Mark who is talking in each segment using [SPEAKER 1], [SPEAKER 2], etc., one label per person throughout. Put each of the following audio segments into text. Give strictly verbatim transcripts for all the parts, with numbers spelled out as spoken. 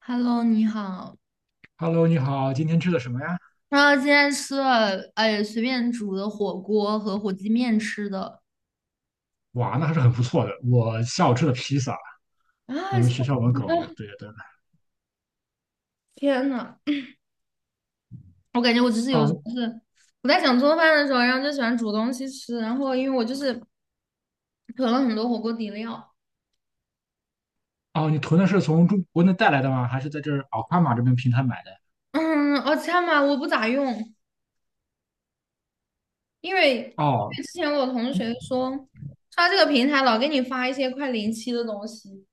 [SPEAKER 1] Hello，你好。
[SPEAKER 2] Hello，你好，今天吃的什么呀？
[SPEAKER 1] 然后今天吃了，哎，随便煮的火锅和火鸡面吃的。
[SPEAKER 2] 哇，那还是很不错的。我下午吃的披萨，
[SPEAKER 1] 啊，
[SPEAKER 2] 我们
[SPEAKER 1] 这
[SPEAKER 2] 学校门口。
[SPEAKER 1] 啊
[SPEAKER 2] 对对。
[SPEAKER 1] 天呐，我感觉我就是有时
[SPEAKER 2] 哦
[SPEAKER 1] 候是我在想做饭的时候，然后就喜欢煮东西吃。然后因为我就是囤了很多火锅底料。
[SPEAKER 2] 哦，你囤的是从中国内带来的吗？还是在这儿奥卡玛这边平台买的？
[SPEAKER 1] 嗯，哦，这样嘛我不咋用，因为因为
[SPEAKER 2] 哦
[SPEAKER 1] 之前我同
[SPEAKER 2] 嗯
[SPEAKER 1] 学说，说他这个平台老给你发一些快临期的东西，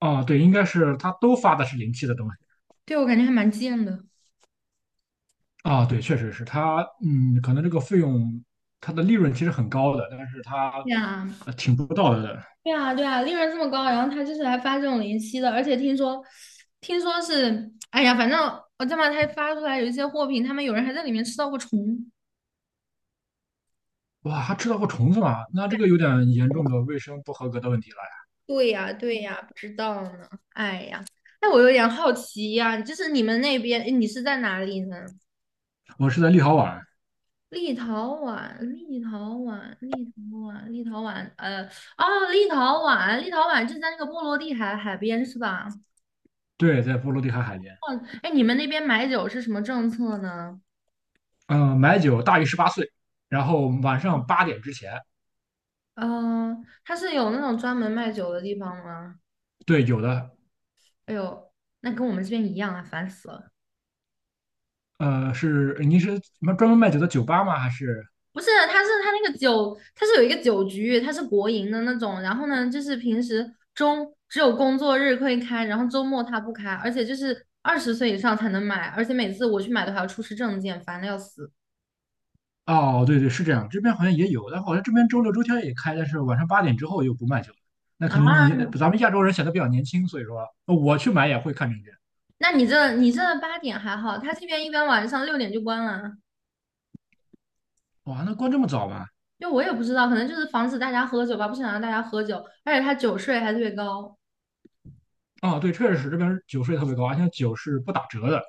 [SPEAKER 2] 哦，对，应该是他都发的是临期的东西。
[SPEAKER 1] 对我感觉还蛮贱的。
[SPEAKER 2] 啊、对，确实是他，嗯，可能这个费用，它的利润其实很高的，但是它
[SPEAKER 1] 呀。
[SPEAKER 2] 呃挺不道德的。
[SPEAKER 1] 对啊，对啊，利润这么高，然后他就是来发这种零息的，而且听说，听说是，哎呀，反正我这么他发出来有一些货品，他们有人还在里面吃到过虫。
[SPEAKER 2] 哇，还吃到过虫子吗？那这个有点严重的卫生不合格的问题了呀。
[SPEAKER 1] 对呀，对呀，不知道呢。哎呀，那我有点好奇呀，就是你们那边，哎你是在哪里呢？
[SPEAKER 2] 我是在立陶宛，
[SPEAKER 1] 立陶宛，立陶宛，立陶宛，立陶宛，呃，哦，立陶宛，立陶宛就在那个波罗的海海边是吧？
[SPEAKER 2] 对，在波罗的海海边。
[SPEAKER 1] 哎，你们那边买酒是什么政策呢？
[SPEAKER 2] 嗯，买酒大于十八岁，然后晚上八点之前，
[SPEAKER 1] 嗯，他是有那种专门卖酒的地方吗？
[SPEAKER 2] 对，有的。
[SPEAKER 1] 哎呦，那跟我们这边一样啊，烦死了。
[SPEAKER 2] 呃，是您是什么专门卖酒的酒吧吗？还是？
[SPEAKER 1] 不是，他是他那个酒，他是有一个酒局，他是国营的那种。然后呢，就是平时中只有工作日可以开，然后周末他不开，而且就是二十岁以上才能买，而且每次我去买都还要出示证件，烦的要死。
[SPEAKER 2] 哦，对对，是这样，这边好像也有，但好像这边周六周天也开，但是晚上八点之后又不卖酒了。那可能
[SPEAKER 1] 啊！
[SPEAKER 2] 你咱们亚洲人显得比较年轻，所以说呃我去买也会看证件。
[SPEAKER 1] 那你这你这八点还好，他这边一般晚上六点就关了。
[SPEAKER 2] 哇，那关这么早吗？
[SPEAKER 1] 就我也不知道，可能就是防止大家喝酒吧，不想让大家喝酒，而且他酒税还特别高。
[SPEAKER 2] 哦，对，确实是这边酒税特别高，而且酒是不打折的。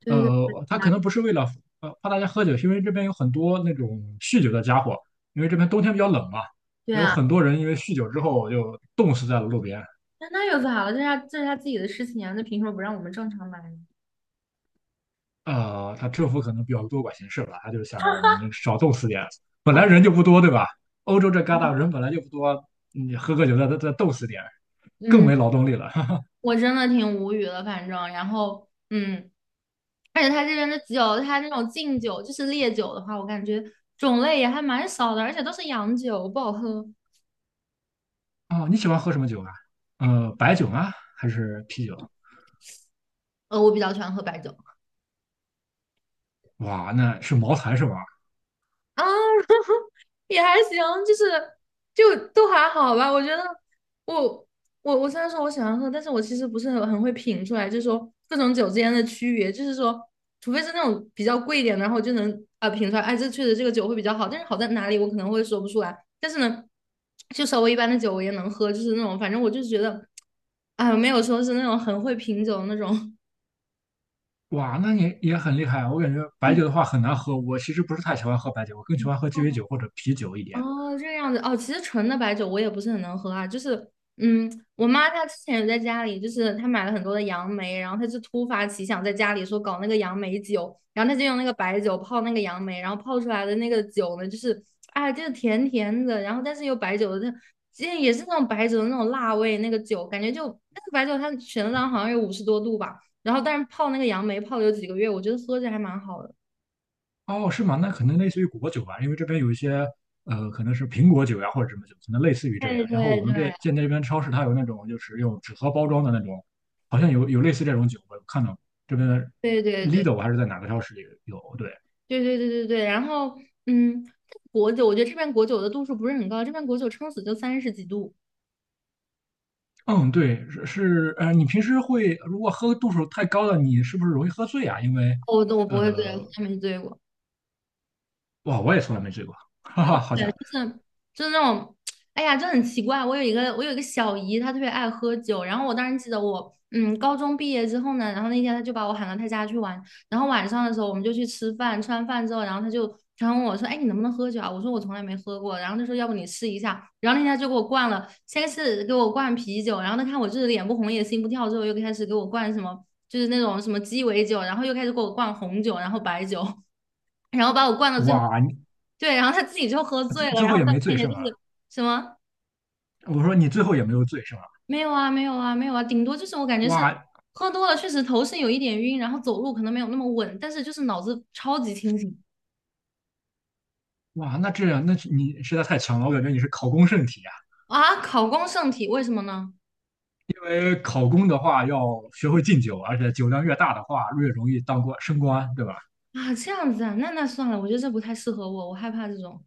[SPEAKER 1] 对对
[SPEAKER 2] 呃，
[SPEAKER 1] 对，
[SPEAKER 2] 他可能不是为了呃怕大家喝酒，是因为这边有很多那种酗酒的家伙，因为这边冬天比较冷嘛，
[SPEAKER 1] 对
[SPEAKER 2] 有
[SPEAKER 1] 啊，
[SPEAKER 2] 很多人因为酗酒之后就冻死在了路边。
[SPEAKER 1] 那那有啥了？这是他这是他自己的事情啊，那凭什么不让我们正常买呢？
[SPEAKER 2] 呃，他政府可能比较多管闲事吧，他就想让你们少冻死点。本
[SPEAKER 1] 好
[SPEAKER 2] 来
[SPEAKER 1] 吧，
[SPEAKER 2] 人就不多，对吧？欧洲这旮沓人本来就不多，你喝个酒再再再冻死点，更
[SPEAKER 1] 嗯，
[SPEAKER 2] 没劳动力了。
[SPEAKER 1] 我真的挺无语的，反正，然后，嗯，而且他这边的酒，他那种敬酒，就是烈酒的话，我感觉种类也还蛮少的，而且都是洋酒，不好喝。
[SPEAKER 2] 哦，你喜欢喝什么酒啊？呃，白酒吗？还是啤酒？
[SPEAKER 1] 呃，我比较喜欢喝白酒。
[SPEAKER 2] 哇，那是茅台是吧？
[SPEAKER 1] 啊，也还行，就是就都还好吧。我觉得我我我虽然说我喜欢喝，但是我其实不是很很会品出来，就是说各种酒之间的区别，就是说，除非是那种比较贵一点的，然后我就能啊、呃品出来，哎，这确实这个酒会比较好，但是好在哪里我可能会说不出来。但是呢，就稍微一般的酒我也能喝，就是那种反正我就觉得，哎，没有说是那种很会品酒的那种。
[SPEAKER 2] 哇，那你也很厉害啊。我感觉白
[SPEAKER 1] 嗯。
[SPEAKER 2] 酒的话很难喝，我其实不是太喜欢喝白酒，我更喜欢喝鸡尾酒或者啤酒一点。
[SPEAKER 1] 哦，这个样子哦，其实纯的白酒我也不是很能喝啊，就是，嗯，我妈她之前有在家里，就是她买了很多的杨梅，然后她就突发奇想在家里说搞那个杨梅酒，然后她就用那个白酒泡那个杨梅，然后泡出来的那个酒呢，就是，哎，就是甜甜的，然后但是又白酒的，这也是那种白酒的那种辣味，那个酒感觉就那个白酒它全量好像有五十多度吧，然后但是泡那个杨梅泡了有几个月，我觉得喝着还蛮好的。
[SPEAKER 2] 哦，是吗？那可能类似于果酒吧，因为这边有一些呃，可能是苹果酒呀或者什么酒，可能类似于这样。
[SPEAKER 1] 对
[SPEAKER 2] 然后
[SPEAKER 1] 对
[SPEAKER 2] 我们这
[SPEAKER 1] 对
[SPEAKER 2] 见这边超市它有那种就是用纸盒包装的那种，好像有有类似这种酒，我有看到过这边的
[SPEAKER 1] 对对对
[SPEAKER 2] Lidl 还是在哪个超市里有？对，
[SPEAKER 1] 对对对对对，然后嗯，果酒，我觉得这边果酒的度数不是很高，这边果酒撑死就三十几度。
[SPEAKER 2] 嗯，对，是是呃，你平时会如果喝度数太高了，你是不是容易喝醉啊？因为
[SPEAKER 1] 哦我都我不会醉，
[SPEAKER 2] 呃，
[SPEAKER 1] 从来没醉过。
[SPEAKER 2] 哇，我也从来没醉过，哈哈，好
[SPEAKER 1] 对，
[SPEAKER 2] 巧。
[SPEAKER 1] 就是就是那种，哎呀，就很奇怪。我有一个我有一个小姨，她特别爱喝酒。然后我当时记得我，嗯，高中毕业之后呢，然后那天她就把我喊到她家去玩。然后晚上的时候我们就去吃饭，吃完饭之后，然后她就她问我说：“哎，你能不能喝酒啊？”我说：“我从来没喝过。”然后她说：“要不你试一下。”然后那天她就给我灌了，先是给我灌啤酒，然后她看我就是脸不红也心不跳，之后又开始给我灌什么，就是那种什么鸡尾酒，然后又开始给我灌红酒，然后白酒。然后把我灌到最后，
[SPEAKER 2] 哇，你
[SPEAKER 1] 对，然后他自己就喝醉
[SPEAKER 2] 最
[SPEAKER 1] 了，
[SPEAKER 2] 最
[SPEAKER 1] 然
[SPEAKER 2] 后
[SPEAKER 1] 后
[SPEAKER 2] 也
[SPEAKER 1] 在我
[SPEAKER 2] 没醉
[SPEAKER 1] 面前
[SPEAKER 2] 是
[SPEAKER 1] 就
[SPEAKER 2] 吗？
[SPEAKER 1] 是什么。
[SPEAKER 2] 我说你最后也没有醉是吗？
[SPEAKER 1] 没有啊，没有啊，没有啊，顶多就是我感觉是
[SPEAKER 2] 哇
[SPEAKER 1] 喝多了，确实头是有一点晕，然后走路可能没有那么稳，但是就是脑子超级清醒。
[SPEAKER 2] 哇，那这样，那是你实在太强了，我感觉你是考公圣体啊。
[SPEAKER 1] 啊，考公圣体，为什么呢？
[SPEAKER 2] 因为考公的话要学会敬酒，而且酒量越大的话越容易当官升官，对吧？
[SPEAKER 1] 啊，这样子啊，那那算了，我觉得这不太适合我，我害怕这种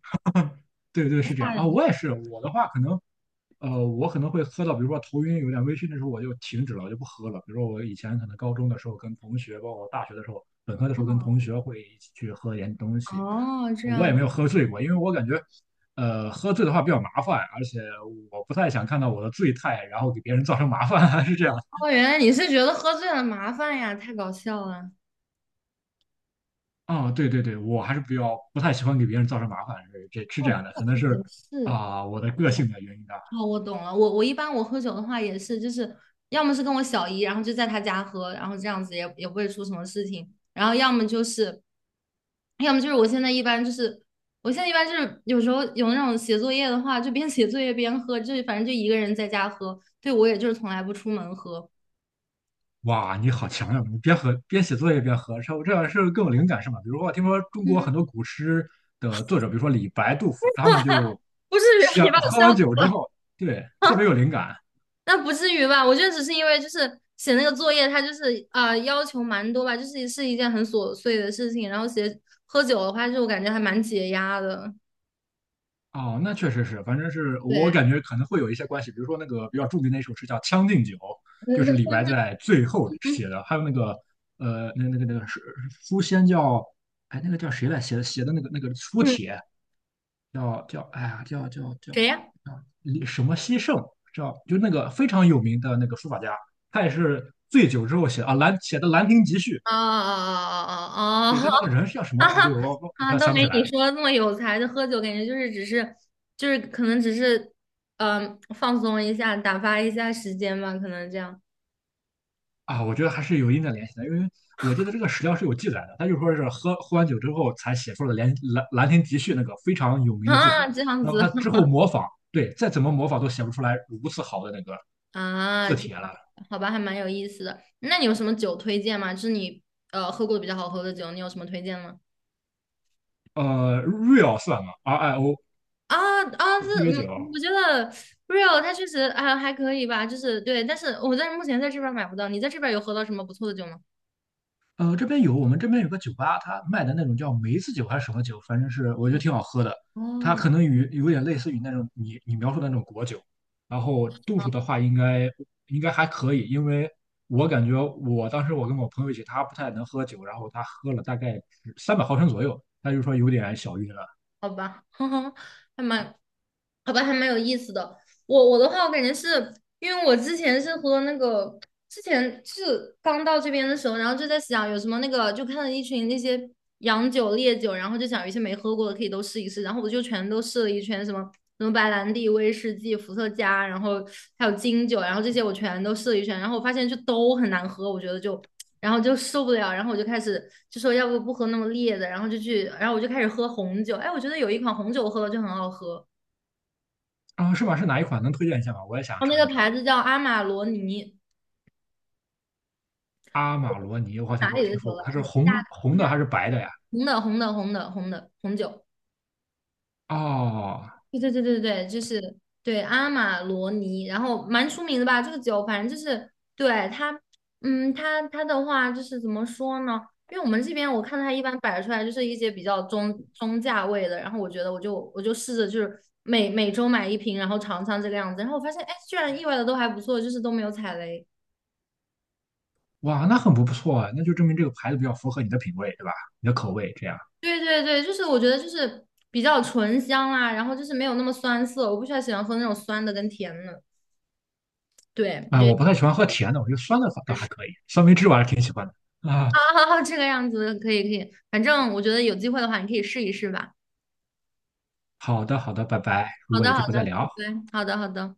[SPEAKER 2] 对对，是这样
[SPEAKER 1] 大
[SPEAKER 2] 啊。
[SPEAKER 1] 人。
[SPEAKER 2] 我也是，我的话可能呃，我可能会喝到，比如说头晕有点微醺的时候，我就停止了，我就不喝了。比如说我以前可能高中的时候跟同学，包括大学的时候，本科的时候跟同学会一起去喝点东西，
[SPEAKER 1] 哦，这
[SPEAKER 2] 呃我也
[SPEAKER 1] 样，
[SPEAKER 2] 没有喝醉过，因为我感觉，呃，喝醉的话比较麻烦，而且我不太想看到我的醉态，然后给别人造成麻烦，还是这样。
[SPEAKER 1] 哦，原来你是觉得喝醉了麻烦呀，太搞笑了。
[SPEAKER 2] 啊、对对对，我还是比较不太喜欢给别人造成麻烦，是这是这
[SPEAKER 1] 哦，不
[SPEAKER 2] 样的，
[SPEAKER 1] 过
[SPEAKER 2] 可能
[SPEAKER 1] 也
[SPEAKER 2] 是
[SPEAKER 1] 是，
[SPEAKER 2] 啊、我的个
[SPEAKER 1] 对。
[SPEAKER 2] 性的原因吧。
[SPEAKER 1] 哦，我懂了。我我一般我喝酒的话也是，就是要么是跟我小姨，然后就在她家喝，然后这样子也也不会出什么事情。然后要么就是，要么就是我现在一般就是，我现在一般就是有时候有那种写作业的话，就边写作业边喝，就是反正就一个人在家喝。对，我也就是从来不出门喝。
[SPEAKER 2] 哇，你好强呀！你边喝边写作业边合唱，这样是更有灵感是吗？比如说，我听说中国
[SPEAKER 1] 嗯，
[SPEAKER 2] 很多古诗的作者，比如说李白、杜甫，他们就
[SPEAKER 1] 不至于啊，你
[SPEAKER 2] 想
[SPEAKER 1] 把我
[SPEAKER 2] 喝
[SPEAKER 1] 笑
[SPEAKER 2] 完
[SPEAKER 1] 死
[SPEAKER 2] 酒之
[SPEAKER 1] 了。
[SPEAKER 2] 后，对，特别有灵感。
[SPEAKER 1] 那不至于吧？我觉得只是因为就是写那个作业，它就是啊要求蛮多吧，就是是一件很琐碎的事情。然后写喝酒的话，就我感觉还蛮解压的。
[SPEAKER 2] 哦，那确实是，反正是我
[SPEAKER 1] 对，
[SPEAKER 2] 感觉可能会有一些关系。比如说那个比较著名的一首诗叫《将进酒》，就是李白 在最后
[SPEAKER 1] 嗯
[SPEAKER 2] 写的。还有那个呃，那那个那个是书仙叫哎，那个叫谁来写的写的那个那个书
[SPEAKER 1] 嗯，
[SPEAKER 2] 帖叫叫哎呀叫叫
[SPEAKER 1] 谁
[SPEAKER 2] 叫
[SPEAKER 1] 呀？
[SPEAKER 2] 李什么西圣，知道就那个非常有名的那个书法家，他也是醉酒之后写啊兰写的《兰亭集序》。
[SPEAKER 1] 啊啊啊
[SPEAKER 2] 对，
[SPEAKER 1] 啊啊！
[SPEAKER 2] 但那个人是叫什 么？
[SPEAKER 1] 哈
[SPEAKER 2] 哦对，
[SPEAKER 1] 哈。
[SPEAKER 2] 我我
[SPEAKER 1] 啊，
[SPEAKER 2] 我
[SPEAKER 1] 都
[SPEAKER 2] 想不起
[SPEAKER 1] 没
[SPEAKER 2] 来
[SPEAKER 1] 你
[SPEAKER 2] 了
[SPEAKER 1] 说的那么有才。的。喝酒，感觉就是只是就是可能只是嗯、呃放松一下，打发一下时间吧，可能这样
[SPEAKER 2] 啊。我觉得还是有一定的联系的，因为我记得这个史料是有记载的，他就说是喝喝完酒之后才写出了兰《兰兰兰亭集序》那个非常有名的字帖，
[SPEAKER 1] 啊这样
[SPEAKER 2] 然后
[SPEAKER 1] 子。
[SPEAKER 2] 他之后模仿，对，再怎么模仿都写不出来如此好的那个
[SPEAKER 1] 啊，
[SPEAKER 2] 字
[SPEAKER 1] 这样
[SPEAKER 2] 帖了。
[SPEAKER 1] 好吧，还蛮有意思的。那你有什么酒推荐吗？就是你呃喝过的比较好喝的酒，你有什么推荐吗？
[SPEAKER 2] 呃，real 算吗？R I O
[SPEAKER 1] 啊啊，
[SPEAKER 2] 是鸡
[SPEAKER 1] 这
[SPEAKER 2] 尾
[SPEAKER 1] 嗯，
[SPEAKER 2] 酒。
[SPEAKER 1] 我觉得 Real 它确实啊还可以吧，就是对，但是我在目前在这边儿买不到，你在这边儿有喝到什么不错的酒吗？
[SPEAKER 2] 呃，这边有，我们这边有个酒吧，它卖的那种叫梅子酒还是什么酒，反正是我觉得挺好喝的。它
[SPEAKER 1] 哦，
[SPEAKER 2] 可能与有点类似于那种你你描述的那种果酒，然后度数的话应该应该还可以，因为我感觉我当时我跟我朋友一起，他不太能喝酒，然后他喝了大概三百毫升左右，他就说有点小晕了。
[SPEAKER 1] 好吧，哼哼，还蛮，好吧，还蛮有意思的。我我的话，我感觉是因为我之前是喝那个之前是刚到这边的时候，然后就在想有什么那个，就看到一群那些洋酒、烈酒，然后就想有一些没喝过的可以都试一试，然后我就全都试了一圈，什么什么白兰地、威士忌、伏特加，然后还有金酒，然后这些我全都试了一圈，然后我发现就都很难喝，我觉得就。然后就受不了，然后我就开始就说要不不喝那么烈的，然后就去，然后我就开始喝红酒。哎，我觉得有一款红酒我喝了就很好喝，
[SPEAKER 2] 啊，是吗？是哪一款？能推荐一下吗？我也想
[SPEAKER 1] 然后那
[SPEAKER 2] 尝一
[SPEAKER 1] 个
[SPEAKER 2] 尝。
[SPEAKER 1] 牌子叫阿玛罗尼。
[SPEAKER 2] 阿玛罗尼，我好像
[SPEAKER 1] 哪
[SPEAKER 2] 没有
[SPEAKER 1] 里的
[SPEAKER 2] 听
[SPEAKER 1] 酒
[SPEAKER 2] 说
[SPEAKER 1] 来
[SPEAKER 2] 过，它
[SPEAKER 1] 着？
[SPEAKER 2] 是
[SPEAKER 1] 大大
[SPEAKER 2] 红红的还是白的呀？
[SPEAKER 1] 红的红的红的红的红酒。
[SPEAKER 2] 哦，
[SPEAKER 1] 对对对对对，就是对阿玛罗尼，然后蛮出名的吧？这个酒，反正就是对它，嗯，它它的话就是怎么说呢？因为我们这边我看它一般摆出来就是一些比较中中价位的，然后我觉得我就我就试着就是每每周买一瓶，然后尝尝这个样子，然后我发现哎，居然意外的都还不错，就是都没有踩雷。
[SPEAKER 2] 哇，那很不错啊，那就证明这个牌子比较符合你的品味，对吧？你的口味这样。
[SPEAKER 1] 对对对，就是我觉得就是比较醇香啦，然后就是没有那么酸涩，我不喜欢喜欢喝那种酸的跟甜的，对我
[SPEAKER 2] 啊，
[SPEAKER 1] 觉
[SPEAKER 2] 我
[SPEAKER 1] 得。
[SPEAKER 2] 不太喜欢喝甜的，我觉得酸的反倒还可以，酸梅汁我还是挺喜欢的。啊，
[SPEAKER 1] 好好好，这个样子可以可以，反正我觉得有机会的话，你可以试一试吧。
[SPEAKER 2] 好的，好的，拜拜，如
[SPEAKER 1] 好
[SPEAKER 2] 果
[SPEAKER 1] 的
[SPEAKER 2] 有
[SPEAKER 1] 好
[SPEAKER 2] 机会
[SPEAKER 1] 的，
[SPEAKER 2] 再
[SPEAKER 1] 拜
[SPEAKER 2] 聊。
[SPEAKER 1] 拜。好的好的。